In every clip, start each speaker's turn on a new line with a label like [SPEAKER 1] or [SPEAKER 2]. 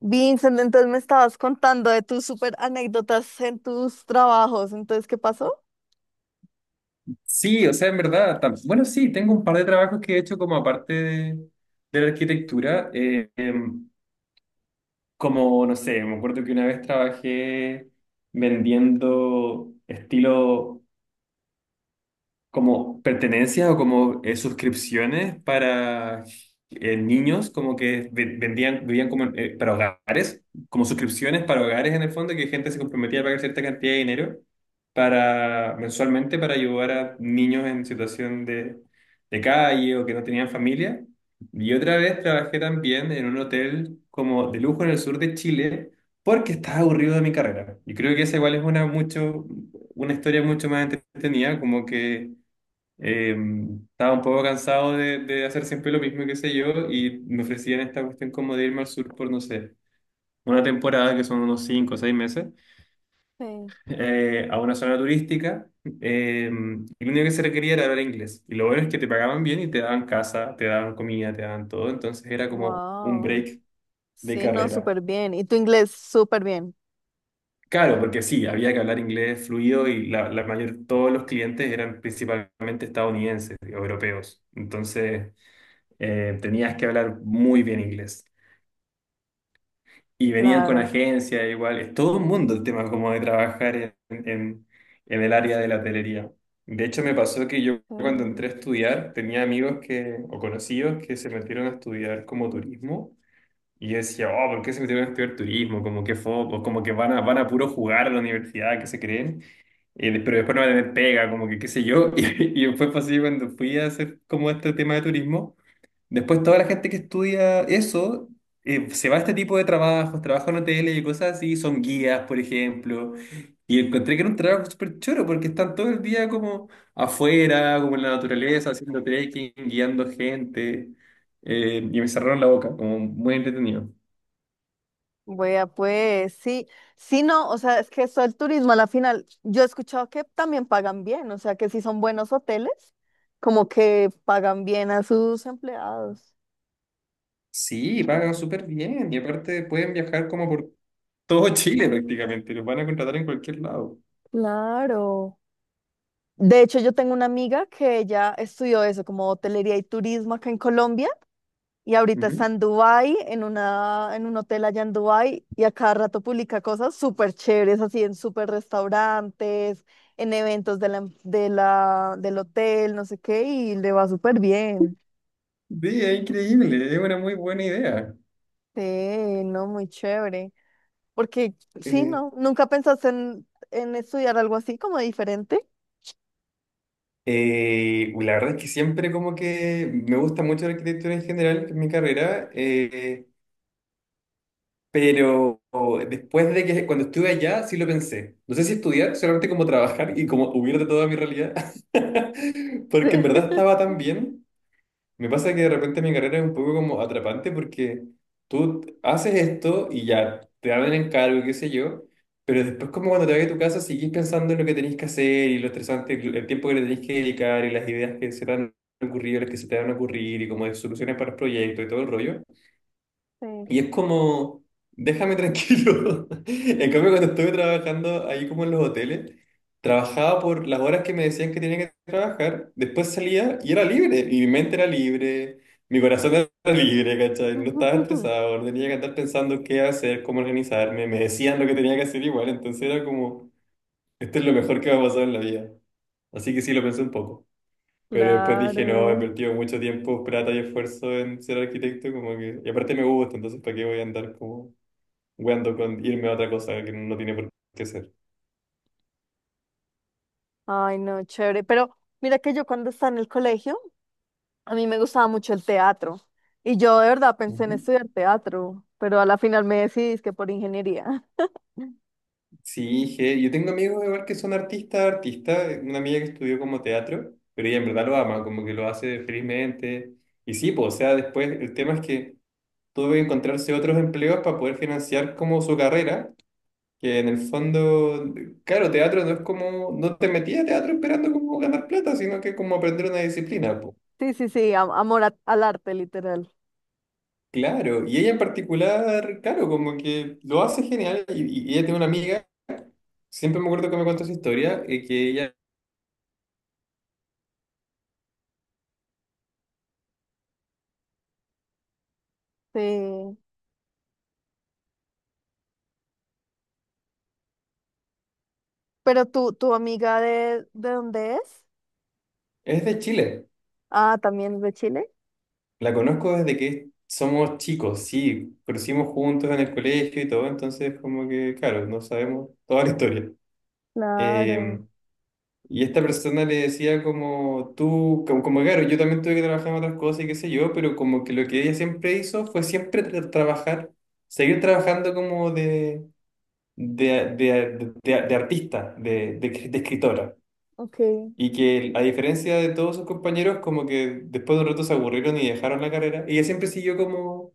[SPEAKER 1] Vincent, entonces me estabas contando de tus super anécdotas en tus trabajos. Entonces, ¿qué pasó?
[SPEAKER 2] Sí, o sea, en verdad, bueno, sí, tengo un par de trabajos que he hecho como aparte de la arquitectura, como, no sé, me acuerdo que una vez trabajé vendiendo estilo como pertenencias o como suscripciones para niños, como que vendían, vivían como para hogares, como suscripciones para hogares en el fondo, que gente se comprometía a pagar cierta cantidad de dinero para, mensualmente para ayudar a niños en situación de calle o que no tenían familia. Y otra vez trabajé también en un hotel como de lujo en el sur de Chile porque estaba aburrido de mi carrera. Y creo que esa igual es una mucho una historia mucho más entretenida, como que eh, estaba un poco cansado de hacer siempre lo mismo, y qué sé yo, y me ofrecían esta cuestión como de irme al sur por, no sé, una temporada, que son unos 5 o 6 meses,
[SPEAKER 1] Sí.
[SPEAKER 2] a una zona turística, eh, y lo único que se requería era hablar inglés. Y lo bueno es que te pagaban bien y te daban casa, te daban comida, te daban todo, entonces era como un
[SPEAKER 1] Wow.
[SPEAKER 2] break de
[SPEAKER 1] Sí, no,
[SPEAKER 2] carrera.
[SPEAKER 1] súper bien. Y tu inglés, súper bien.
[SPEAKER 2] Claro, porque sí, había que hablar inglés fluido y la mayor, todos los clientes eran principalmente estadounidenses, europeos. Entonces tenías que hablar muy bien inglés. Y venían con
[SPEAKER 1] Claro.
[SPEAKER 2] agencia, igual, es todo un mundo el tema como de trabajar en el área de la hotelería. De hecho, me pasó que yo
[SPEAKER 1] Sí.
[SPEAKER 2] cuando entré a estudiar tenía amigos que, o conocidos que se metieron a estudiar como turismo. Y yo decía, oh, ¿por qué se metieron a estudiar turismo? Como que foco, como que van a puro jugar a la universidad, que se creen. Pero después no van a tener pega, como que qué sé yo. Y después fue así cuando fui a hacer como este tema de turismo. Después toda la gente que estudia eso se va a este tipo de trabajos, trabaja en hoteles y cosas así, son guías, por ejemplo. Y encontré que era un trabajo súper choro porque están todo el día como afuera, como en la naturaleza, haciendo trekking, guiando gente. Y me cerraron la boca, como muy entretenido.
[SPEAKER 1] Vea, pues sí, sí, no, o sea, es que eso el turismo a la final, yo he escuchado que también pagan bien, o sea, que si son buenos hoteles, como que pagan bien a sus empleados.
[SPEAKER 2] Sí, pagan súper bien y aparte pueden viajar como por todo Chile prácticamente, los van a contratar en cualquier lado.
[SPEAKER 1] Claro. De hecho, yo tengo una amiga que ella estudió eso, como hotelería y turismo acá en Colombia. Y ahorita
[SPEAKER 2] Ujú.
[SPEAKER 1] está en Dubái, en un hotel allá en Dubái, y a cada rato publica cosas súper chéveres, así en súper restaurantes, en eventos de la, del hotel, no sé qué, y le va súper bien.
[SPEAKER 2] Sí, es increíble, es una muy buena idea.
[SPEAKER 1] Sí, no, muy chévere. Porque, sí,
[SPEAKER 2] Eh,
[SPEAKER 1] ¿no? ¿Nunca pensaste en estudiar algo así como diferente?
[SPEAKER 2] Uy, la verdad es que siempre como que me gusta mucho la arquitectura en general, que es mi carrera, pero después de que cuando estuve allá sí lo pensé. No sé si estudiar, solamente como trabajar y como huir de toda mi realidad, porque en
[SPEAKER 1] Sí.
[SPEAKER 2] verdad estaba tan bien. Me pasa que de repente mi carrera es un poco como atrapante porque tú haces esto y ya te dan el encargo, y qué sé yo, pero después como cuando te vas a tu casa seguís pensando en lo que tenés que hacer y lo estresante, que- el tiempo que le tenés que dedicar y las ideas que se te han ocurrido, las que se te van a ocurrir y como de soluciones para el proyecto y todo el rollo.
[SPEAKER 1] Sí.
[SPEAKER 2] Y es como, déjame tranquilo. En cambio, cuando estuve trabajando ahí como en los hoteles, trabajaba por las horas que me decían que tenía que trabajar, después salía y era libre, y mi mente era libre, mi corazón era libre, ¿cachai? No estaba estresado, no tenía que estar pensando qué hacer, cómo organizarme, me decían lo que tenía que hacer igual, entonces era como, esto es lo mejor que me ha pasado en la vida. Así que sí, lo pensé un poco. Pero después dije, no, he
[SPEAKER 1] Claro.
[SPEAKER 2] invertido mucho tiempo, plata y esfuerzo en ser arquitecto, como que... Y aparte me gusta, entonces ¿para qué voy a andar como weando con irme a otra cosa que no tiene por qué ser?
[SPEAKER 1] Ay, no, chévere. Pero mira que yo cuando estaba en el colegio, a mí me gustaba mucho el teatro y yo de verdad pensé en
[SPEAKER 2] Ujú.
[SPEAKER 1] estudiar teatro, pero a la final me decidí que por ingeniería.
[SPEAKER 2] Sí, dije, yo tengo amigos igual que son artistas, artistas, una amiga que estudió como teatro, pero ella en verdad lo ama, como que lo hace felizmente. Y sí, pues, o sea, después el tema es que tuve que encontrarse otros empleos para poder financiar como su carrera. Que en el fondo, claro, teatro no es como, no te metías a teatro esperando como ganar plata, sino que como aprender una disciplina, po.
[SPEAKER 1] Sí, sí, sí, amor al arte, literal.
[SPEAKER 2] Claro, y ella en particular, claro, como que lo hace genial, y ella tiene una amiga, siempre me acuerdo que me contó su historia, que ella
[SPEAKER 1] Sí. Pero tú, tu amiga ¿de dónde es?
[SPEAKER 2] es de Chile,
[SPEAKER 1] Ah, también es de Chile.
[SPEAKER 2] la conozco desde que somos chicos, sí, crecimos juntos en el colegio y todo, entonces como que, claro, no sabemos toda la historia. Eh,
[SPEAKER 1] Claro,
[SPEAKER 2] Y esta persona le decía como tú, claro, yo también tuve que trabajar en otras cosas y qué sé yo, pero como que lo que ella siempre hizo fue siempre trabajar, seguir trabajando como de artista, de escritora.
[SPEAKER 1] ok,
[SPEAKER 2] Y que a diferencia de todos sus compañeros, como que después de un rato se aburrieron y dejaron la carrera. Ella siempre siguió como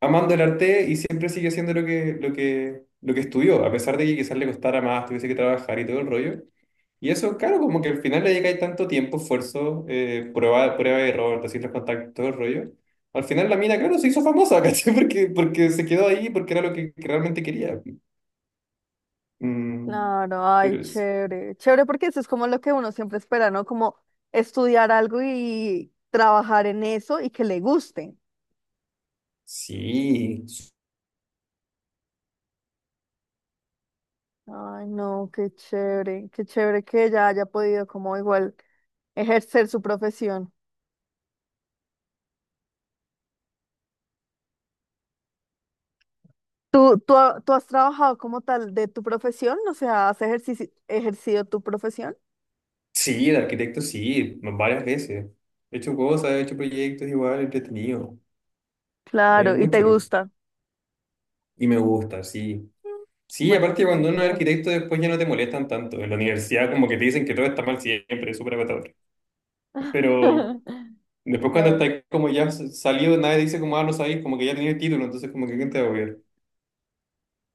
[SPEAKER 2] amando el arte y siempre sigue haciendo lo que estudió, a pesar de que quizás le costara más, tuviese que trabajar y todo el rollo. Y eso, claro, como que al final le llega ahí tanto tiempo, esfuerzo, prueba y error, te los contactos, todo el rollo. Al final la mina, claro, se hizo famosa, ¿cachai? Porque se quedó ahí, porque era que realmente quería. Mm,
[SPEAKER 1] claro, ay,
[SPEAKER 2] pero es-
[SPEAKER 1] chévere, chévere porque eso es como lo que uno siempre espera, ¿no? Como estudiar algo y trabajar en eso y que le guste.
[SPEAKER 2] sí,
[SPEAKER 1] Ay, no, qué chévere que ella haya podido como igual, ejercer su profesión. ¿Tú has trabajado como tal de tu profesión? O sea, ¿has ejercido tu profesión?
[SPEAKER 2] sí, el arquitecto sí, varias veces. He hecho cosas, he hecho proyectos igual, entretenido. Es
[SPEAKER 1] Claro, y te
[SPEAKER 2] mucho. ¿No?
[SPEAKER 1] gusta.
[SPEAKER 2] Y me gusta, sí. Sí,
[SPEAKER 1] Bueno, eso
[SPEAKER 2] aparte
[SPEAKER 1] es lo
[SPEAKER 2] cuando uno es
[SPEAKER 1] importante.
[SPEAKER 2] arquitecto después ya no te molestan tanto. En la universidad como que te dicen que todo está mal siempre, es súper agotador. Pero después cuando
[SPEAKER 1] Claro.
[SPEAKER 2] estás como ya salido, nadie dice como, ah, no sabéis, como que ya tenías el título, entonces como que ¿quién te va a apoyar?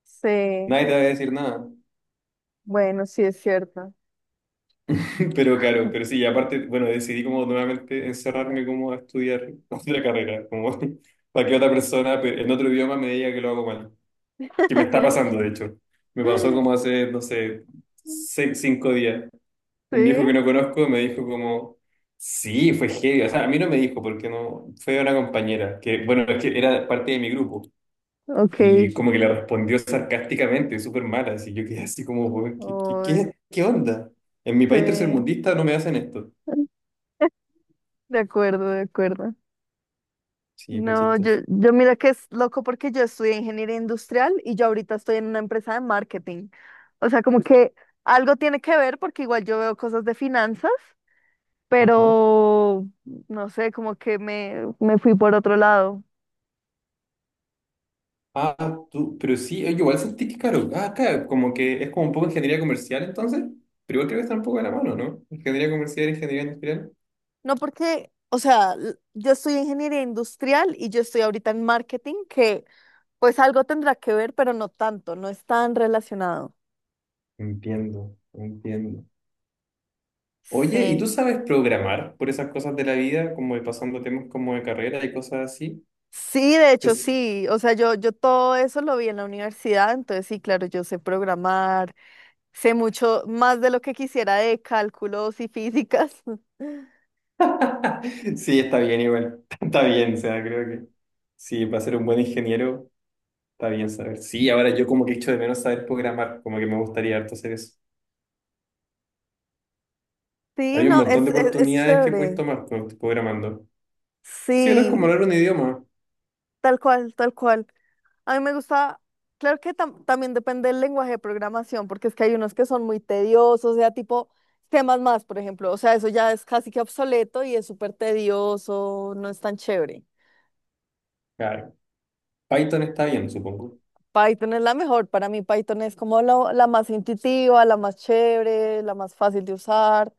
[SPEAKER 1] Sí,
[SPEAKER 2] Nadie te va a decir nada.
[SPEAKER 1] bueno, sí es cierto.
[SPEAKER 2] Pero claro, pero sí, aparte, bueno, decidí como nuevamente encerrarme como a estudiar otra carrera, como para que otra persona en otro idioma me diga que lo hago mal. Que me está pasando, de hecho. Me pasó como hace, no sé, 6, 5 días. Un
[SPEAKER 1] Sí,
[SPEAKER 2] viejo que no conozco me dijo como, sí, fue heavy. O sea, a mí no me dijo porque no, fue una compañera, que bueno, es que era parte de mi grupo
[SPEAKER 1] ok.
[SPEAKER 2] y como que le respondió sarcásticamente, súper mala, así yo quedé así como, "Weón,
[SPEAKER 1] Uy,
[SPEAKER 2] ¿qué onda? En mi país
[SPEAKER 1] sí,
[SPEAKER 2] tercermundista no me hacen esto.
[SPEAKER 1] de acuerdo, de acuerdo.
[SPEAKER 2] Sí, fue
[SPEAKER 1] No, yo,
[SPEAKER 2] chistoso.
[SPEAKER 1] yo mira que es loco porque yo estudié ingeniería industrial y yo ahorita estoy en una empresa de marketing. O sea, como que algo tiene que ver porque igual yo veo cosas de finanzas,
[SPEAKER 2] Ajá.
[SPEAKER 1] pero no sé, como que me fui por otro lado.
[SPEAKER 2] Ah, tú, pero sí, yo igual sentí que caro ah, acá como que es como un poco ingeniería comercial entonces, pero igual creo que está un poco de la mano, ¿no? Ingeniería comercial, ingeniería industrial.
[SPEAKER 1] No porque, o sea, yo estudié ingeniería industrial y yo estoy ahorita en marketing, que pues algo tendrá que ver, pero no tanto, no es tan relacionado.
[SPEAKER 2] Entiendo, entiendo. Oye, ¿y tú
[SPEAKER 1] Sí.
[SPEAKER 2] sabes programar por esas cosas de la vida, como de pasando temas como de carrera y cosas así?
[SPEAKER 1] Sí, de hecho
[SPEAKER 2] Es-
[SPEAKER 1] sí, o sea, yo todo eso lo vi en la universidad, entonces sí, claro, yo sé programar, sé mucho más de lo que quisiera de cálculos y físicas.
[SPEAKER 2] Sí, está bien igual, está bien, o sea, creo que sí, para ser un buen ingeniero está bien saber. Sí, ahora yo como que echo de menos saber programar, como que me gustaría harto hacer eso.
[SPEAKER 1] Sí,
[SPEAKER 2] Hay un
[SPEAKER 1] no,
[SPEAKER 2] montón
[SPEAKER 1] es,
[SPEAKER 2] de
[SPEAKER 1] es, es
[SPEAKER 2] oportunidades que puedes
[SPEAKER 1] chévere.
[SPEAKER 2] tomar cuando estás programando. Sí, no es como
[SPEAKER 1] Sí,
[SPEAKER 2] hablar un idioma.
[SPEAKER 1] tal cual, tal cual. A mí me gusta, claro que también depende del lenguaje de programación, porque es que hay unos que son muy tediosos, o sea, tipo temas más, por ejemplo, o sea, eso ya es casi que obsoleto y es súper tedioso, no es tan chévere.
[SPEAKER 2] Claro, Python está bien, supongo.
[SPEAKER 1] Python es la mejor. Para mí Python es como la más intuitiva, la más chévere, la más fácil de usar.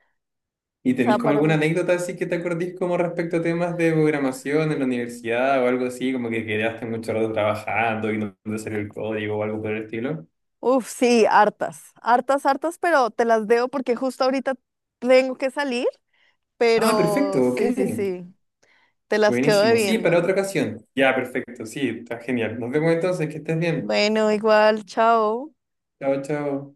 [SPEAKER 2] ¿Y
[SPEAKER 1] O
[SPEAKER 2] tenéis
[SPEAKER 1] sea,
[SPEAKER 2] como
[SPEAKER 1] para
[SPEAKER 2] alguna
[SPEAKER 1] mí,
[SPEAKER 2] anécdota así que te acordís como respecto a temas de programación en la universidad o algo así, como que quedaste mucho rato trabajando y no te salió el código o algo por el estilo?
[SPEAKER 1] uff, sí, hartas, hartas, hartas, pero te las debo porque justo ahorita tengo que salir,
[SPEAKER 2] Ah,
[SPEAKER 1] pero
[SPEAKER 2] perfecto, ok.
[SPEAKER 1] sí, sí, sí, te las quedo
[SPEAKER 2] Buenísimo. Sí, para
[SPEAKER 1] debiendo.
[SPEAKER 2] otra ocasión. Ya, perfecto. Sí, está genial. Nos vemos entonces, que estés bien.
[SPEAKER 1] Bueno, igual, chao.
[SPEAKER 2] Chao, chao.